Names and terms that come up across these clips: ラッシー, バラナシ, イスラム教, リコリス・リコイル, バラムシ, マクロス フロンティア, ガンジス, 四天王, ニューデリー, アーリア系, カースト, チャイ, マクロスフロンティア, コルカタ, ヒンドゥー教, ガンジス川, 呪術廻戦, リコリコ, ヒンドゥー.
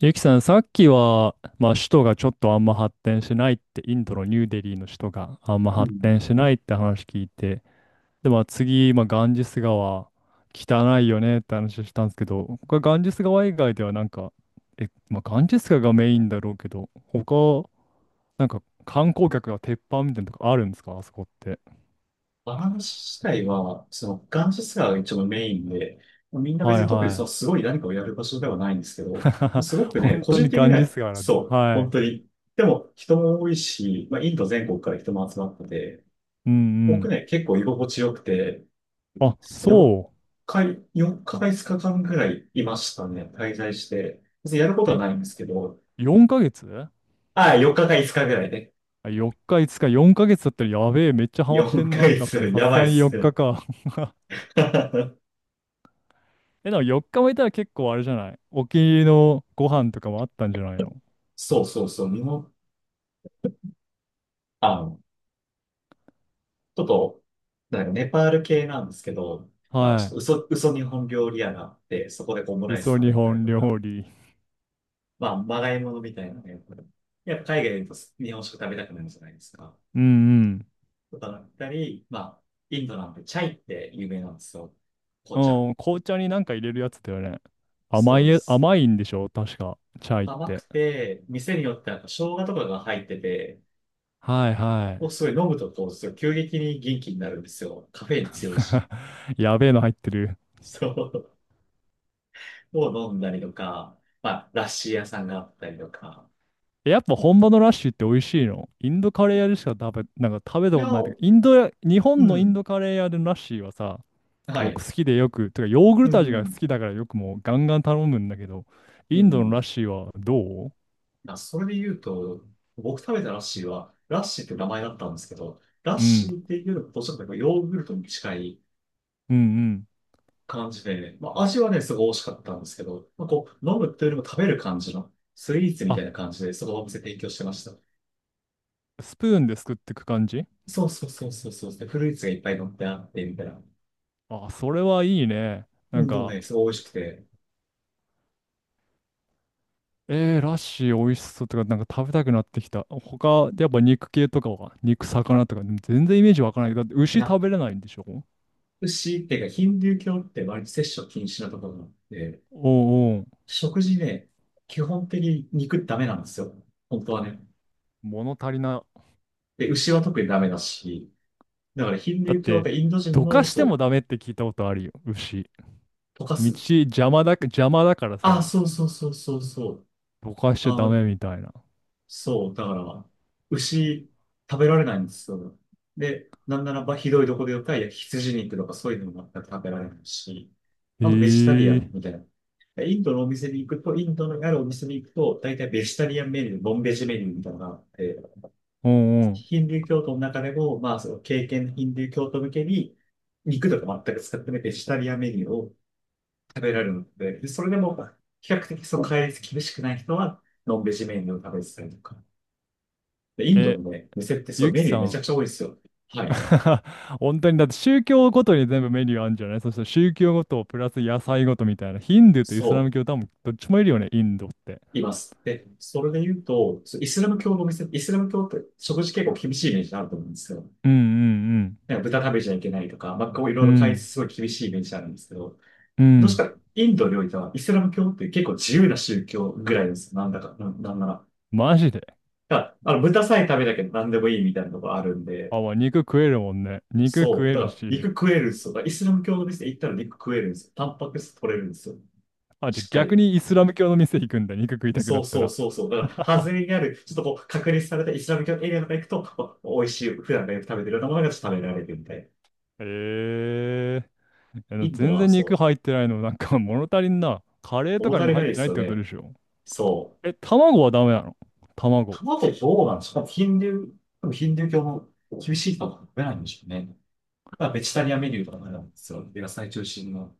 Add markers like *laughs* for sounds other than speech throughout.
ゆきさん、さっきは、まあ、首都がちょっとあんま発展しないって、インドのニューデリーの首都があんまう発ん。展しないって話聞いて、で、まあ、次、まあ、ガンジス川、汚いよねって話したんですけど、これガンジス川以外ではなんか、まあ、ガンジス川がメインだろうけど、他、なんか観光客が鉄板みたいなとこあるんですかあそこって？バランス自体は、その、ガンジスが一応メインで、みんなは別いに特にそのはすごい何かをやる場所ではないんですけい。ど、もう *laughs* すごくね、本個当人に的にガンジは、ス川なんだ。そう、は本い。当に。でも、人も多いし、まあ、インド全国から人も集まってて、うんう僕ん。ね、結構居心地よくて、あ、4そ日、4日か5日間ぐらいいましたね、滞在して。別にやることう。はえ、ないんですけど、4ヶ月、ああ、4日か5日ぐらいね。4日、5日、4ヶ月だったらやべえ、めっちゃハマって4んなってヶなっ月、て、さやすばいがっにす4日ね。か。*laughs* *laughs* え、でも4日もいたら結構あれじゃない？お気に入りのご飯とかもあったんじゃないの？そうそうそう、日本、あちょっと、なんかネパール系なんですけど、まあ、ちはょっと嘘、嘘日本料理屋があって、そこでこうオムい。ライス嘘食べ日てたり本とか、料理。まあ、まがいものみたいなね、やっぱ海外でいうと日本食食べたくなるじゃないですか。うんとかだったり、まあ、インドなんてチャイって有名なんですよ。う紅茶。ん。うん、紅茶になんか入れるやつだよね。そうです。甘いんでしょ確か。チャイっ甘くて。て、店によってなんか生姜とかが入ってて、はいはすごい飲むとこう、すごい急激に元気になるんですよ。カフェイン強いし。い。*laughs* やべえの入ってる。そう。を飲んだりとか、まあ、ラッシー屋さんがあったりとか。やっぱ本場のラッシュって美味しいの？インドカレー屋でしかなんか食べいたこや、とないといううか、インドや、日本のインん。ドカレー屋でのラッシーはさ、は僕い。好きでてかヨーグルうト味が好ん。きだからよくもうガンガン頼むんだけど、うインドのラッん。シーはどう？まあ、それで言うと、僕食べたラッシーは、ラッシーって名前だったんですけど、ラッうシん、ーっていうのとちょっとヨーグルトに近いうんうん。感じで、まあ、味はね、すごい美味しかったんですけど、まあ、こう、飲むというよりも食べる感じの、スイーツみたあ、いな感じで、そのお店提供してました。スプーンですくってく感じ？そうそうそうそうそう。で、フルーツがいっぱい乗ってあって、みたいな。あ、それはいいね。うなんん、でもか、ね、すごい美味しくて。ラッシー美味しそうとか、なんか食べたくなってきた。他、やっぱ肉系とかは、肉、魚とか、でも全然イメージわからないけど、だってい牛や、食べれないんでしょ？牛っていうか、ヒンドゥー教って割と摂取禁止なところがあって、おうおう、食事ね、基本的に肉ダメなんですよ。本当はね。物足りな。で、牛は特にダメだし、だからヒンドだっゥー教って、てインド人どかの、してそもう、ダメって聞いたことあるよ、牛。溶か道す。邪魔だからあ、さ。そうそうそうそうそう。ぼかしちゃダあ、メみたいな。そう、だから、牛食べられないんですよ。で、なんならばひどいとこでよったら、いや、羊肉とかそういうのも全く食べられないし、へあとベジタリアンえ。みたいな。でインドのお店に行くと、インドのあるお店に行くと、大体ベジタリアンメニュー、ノンベジメニューみたいなのがあって、うんうん。ヒンドゥー教徒の中でも、まあ、その経験ヒンドゥー教徒向けに、肉とか全く使ってないベジタリアンメニューを食べられるので、でそれでも、比較的その戒律厳しくない人は、ノンベジメニューを食べてたりとか。で、インドえ、のね、店ってそれゆきメニュさーめちん。ゃくちゃ多いですよ。はい。*laughs* 本当にだって宗教ごとに全部メニューあるんじゃない？そして宗教ごとプラス野菜ごとみたいな。ヒンドゥーとイスラそム教多分どっちもいるよね、インドって。う、います。で、それで言うと、そう、イスラム教のお店、イスラム教って食事結構厳しいイメージあると思うんですよ。うんうんなんか豚食べちゃいけないとか、まあ、こういろういん。うろ大変、ん。すごい厳しいイメージあるんですけど、うどうしん。たらインドにおいてはイスラム教って結構自由な宗教ぐらいです。なんだか、な、なんなら、マジで。だからあの豚さえ食べなきゃ何でもいいみたいなとこあるんで、あ、まあ、肉食えるもんね。肉食そう、えだかるら肉し。食えるんですよ。だからイスラム教の店行ったら肉食えるんですよ。タンパク質取れるんですよ。あ、じゃしあっか逆り。にイスラム教の店行くんだ。肉食いたくそなっうたそうら。そうそう。だから、外れにある、ちょっとこう、隔離されたイスラム教のエリアとか行くと、お美味しい、普段がよく食べてるようなものがちょっと食べられるみたいな。へえ。インド全は然そ肉う、入ってないの？なんか *laughs* 物足りんな。カレーと物かに足もり入なっいでてなすいっよてことね。でしょ？そう。え、卵はダメなの？卵。卵どうなんですかヒンドゥー、多分ヒンドゥー教も厳しいと食べないんでしょうね。まあ、ベジタリアンメニューとかもあなんですよ。野菜中心の。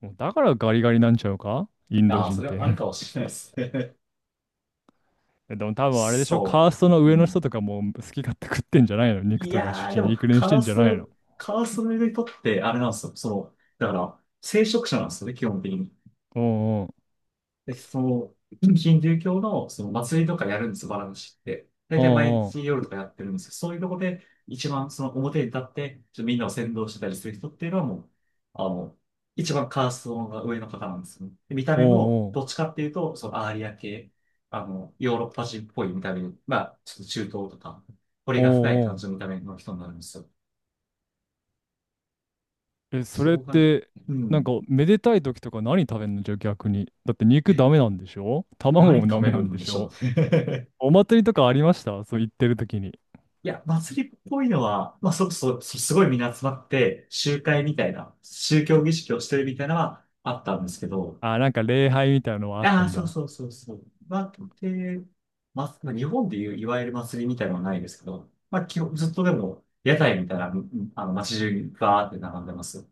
もうだからガリガリなんちゃうか、インドああ、人そっれはあるて。かもしれないですね。*laughs* でも *laughs* 多分あれでしょ？そカーストのう。う上の人ん、とかもう好き勝手食ってんじゃないの？肉いとかやー、主でにいも、いくにしカてーんじスゃないの？カーストの人って、あれなんですよ。その、だから、聖職者なんですよね、基本的に。おう、で、そう、ヒンドゥー教のその祭りとかやるんです、バラムシって。大お体毎う、日夜とかやってるんですけど、そういうとこで一番その表に立って、ちょっとみんなを先導してたりする人っていうのはもう、あの、一番カーストが上の方なんですね。で見たお目も、う、おう、おう、どっちかっていうと、そのアーリア系、あの、ヨーロッパ人っぽい見た目に、まあ、ちょっと中東とか、彫おりが深い感う、じの見おた目の人になるんですよ。う。え、そそれっこが、て、うなんかん、めでたい時とか何食べんの？じゃあ逆に。だって肉え、ダメなんでしょ？卵何も食ダべメなるんんででししょう。ょ？ *laughs* お祭りとかありました？そう言ってる時に。いや、祭りっぽいのは、まあ、そ、そこ、すごいみんな集まって、集会みたいな、宗教儀式をしてるみたいなのはあったんですけど、あ、なんか礼拝みたいなのはあっあたあ、んそうだ。そうそうそう。まあ、で、まあ、日本でいういわゆる祭りみたいなのはないですけど、まあ、基本、ずっとでも、屋台みたいな、うん、あの、街中にバーって並んでます。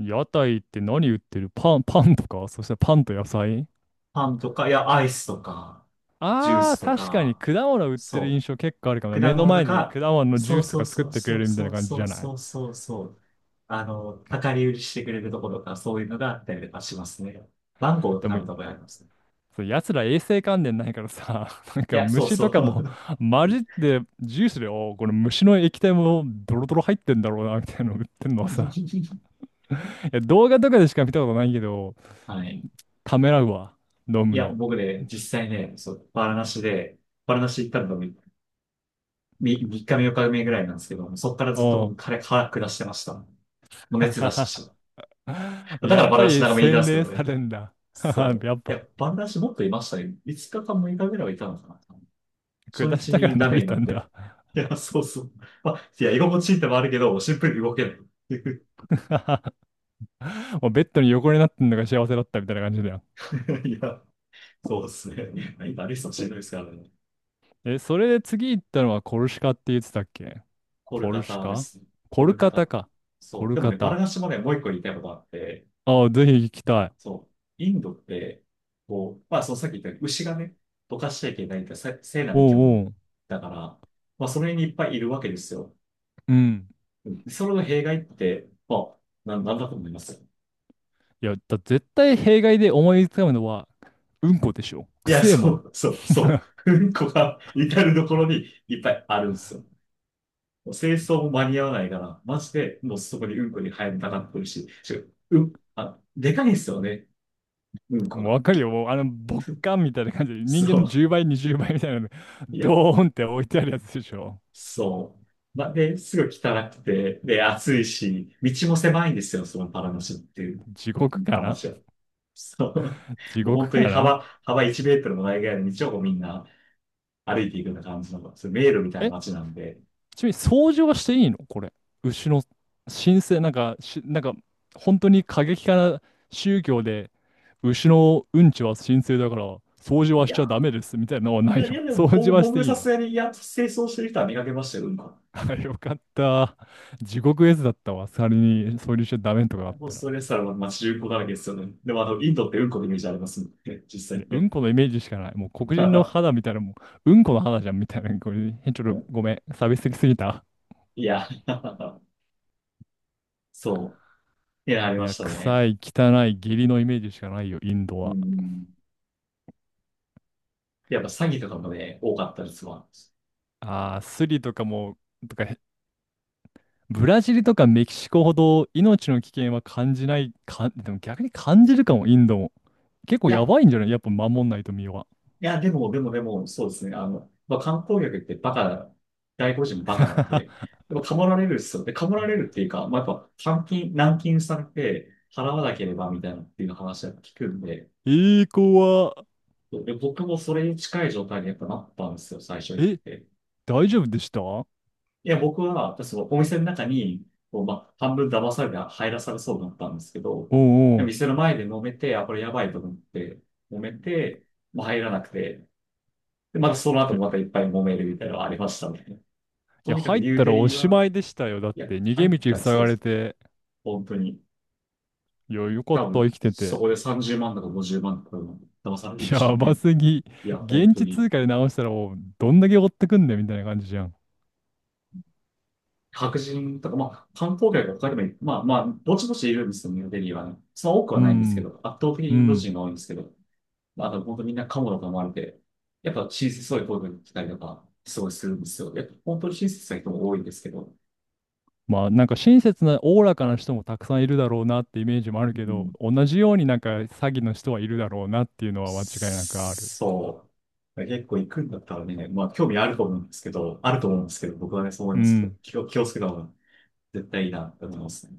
屋台って何売ってる？パン、パンとか？そしてパンと野菜？パンとか、いや、アイスとか、ジューああスー、と確かにか、果物売ってる印そ象結構あるかもな。う。目果の物と前で果か、物のジュそーうスとそかう作っそうてくそれうるみたいそなう感じそじゃうない？そうそうそう。あの、量り売りしてくれるところとか、そういうのがあったりとかしますね。マンゴーを食でべも、たことあります。そう、奴ら衛生観念ないからさ、*laughs* なんいかや、そう虫そとかもう。混じってジュースで、おーこれ虫の液体もドロドロ入ってんだろうな、みたいなの売ってんのはさ、*laughs* いや、動画とかでしか見たことないけど、はい。ためらうわ、飲いむや、の。僕ね、実際ね、そう、バラナシで、バラナシ行ったのが3、み三日目、4日目ぐらいなんですけど、そっからずっと僕、う彼、腹下してました。もう熱出ん。*laughs* したし。*laughs* だかやらっバラぱナシり長めにいたんで洗すけ練どね。されるんだ。*laughs* そやっう。いぱ、や、バラナシもっといましたね。5日か6日ぐらいはいたのかな。初下し日たからに伸ダメびになたっんて。だ。いや、そうそう。まあ、いや、居心地いいってのもあるけど、シンプルに動けない。*laughs* *laughs* もうベッドに横になってんのが幸せだったみたいな感じだよ。いや、そうですね。まあ今、リストしんどいですからね。え、それで次行ったのはコルシカって言ってたっけ？コルコカルシタでカ？すね。ココルルカカタ。タか。コそう。ルでもカね、バラタ。ガシもね、もう一個言いたいことがあって、ああ、ぜひ行きたい。そう。インドって、こう、まあ、そのさっき言ったように牛がね、どかしちゃいけないって、せ、聖なる生き物おうおう。だから、まあ、それにいっぱいいるわけですよ。うん。それの弊害って、まあ、な、ん、なんだと思います？いや、絶対弊害で思いつかむのは、うんこでしょ。いくや、せえもそん。う、そう、そう。うんこが至るところにいっぱいあるんですよ。もう清掃も間に合わないから、マジでもうそこにうんこに入りたがってるし、しかも、うん、あ、でかいんですよね。うんこもうが。わかるよ。もうボッカンみたいな感じで、人間のそ10倍、20倍みたいなの、う。いや、ドーンって置いてあるやつでしょ。そう。まあ、で、すぐ汚くて、で、暑いし、道も狭いんですよ、そのパラマシュっていう地獄から。話は。そう。地もう本獄当かにら。幅1メートルもないぐらいの道をこうみんな歩いていくような感じの、そういう迷路みたいなえ、街なんで、ちなみに掃除はしていいの？これ。牛の神聖、なんか、本当に過激派な宗教で、牛のうんちは神聖だから、掃除いはしちゃやダメですみたいなのはないいや、いの？やでも、掃ぼ除僕、はして僕いさいすの？がに、いや、清掃してる人は見かけましたよ、うんこ。*laughs* よかった。地獄絵図だったわ。仮に掃除しちゃダメとかあっオーたスら。トラリアは街中古だらけですよね。でも、あの、インドってうんこのイメージありますもんね、実際で、うね。んこのイメージしかない。もう黒人の肌み *laughs* たいな、もう、うんこの肌じゃんみたいな。これ、ちょっとごめん。差別的すぎた。いや、*laughs* そう。いや、ありいまや、したね。臭い、汚い、下痢のイメージしかないよ、インドうは。ん。やっぱ詐欺とかもね、多かったですわ。ああ、スリとかも、とか、ブラジルとかメキシコほど命の危険は感じない、か、でも逆に感じるかも、インドも。結い構やや、ばいんじゃない？やっぱ守んないと身は。いや、でも、でも、でも、そうですね。あの、まあ、観光客ってバカな、外国人もバカなんで、*laughs* でも、かもられるっすよ。で、かもられるっていうか、まあ、やっぱ、監禁、軟禁されて、払わなければみたいなっていう話は聞くんで、ええ子は、で、僕もそれに近い状態にやっぱなったんですよ、最初行っえ、て。大丈夫でしたお？いや、僕は、そのお店の中に、こうまあ、半分騙されて入らされそうだったんですけど、うんうん。店の前で揉めて、あ、これやばいと思って、揉めて、まあ、入らなくて、で、またその後えもまたいいっぱい揉めるみたいなのがありましたね。とや、にかく入っニューたデらおリーしまは、いでしたよ。だっいや、て、逃入げっ道たら塞そうがでれす。て。本当に。いや、よかっ多た、分、生きてそて。こで30万とか50万とか騙されるんでしょやうばね。すぎ。いや、本現当地に。通貨で直したらもう、どんだけ追ってくんだよ、みたいな感じじゃん。白人とか、まあ、観光客が他にもい、まあまあ、ぼちぼちいるんですよね、ニューデリーはね。その多くはうないんですけど、ん、圧倒的にうインドん。人が多いんですけど、まあ、あと本当みんなカモだと思われて、やっぱ親切、そういう声が来たりとか、すごいするんですよ。やっぱ本当に親切な人も多いんですけど、まあなんか親切なおおらかな人もたくさんいるだろうなってイメージもあるけうど、ん、同じようになんか詐欺の人はいるだろうなっていうのは間違いなくある。そう。結構行くんだったらね、まあ興味あると思うんですけど、あると思うんですけど、僕はね、そう思いうますけど、ん。気をつけた方が絶対いいなと思いますね。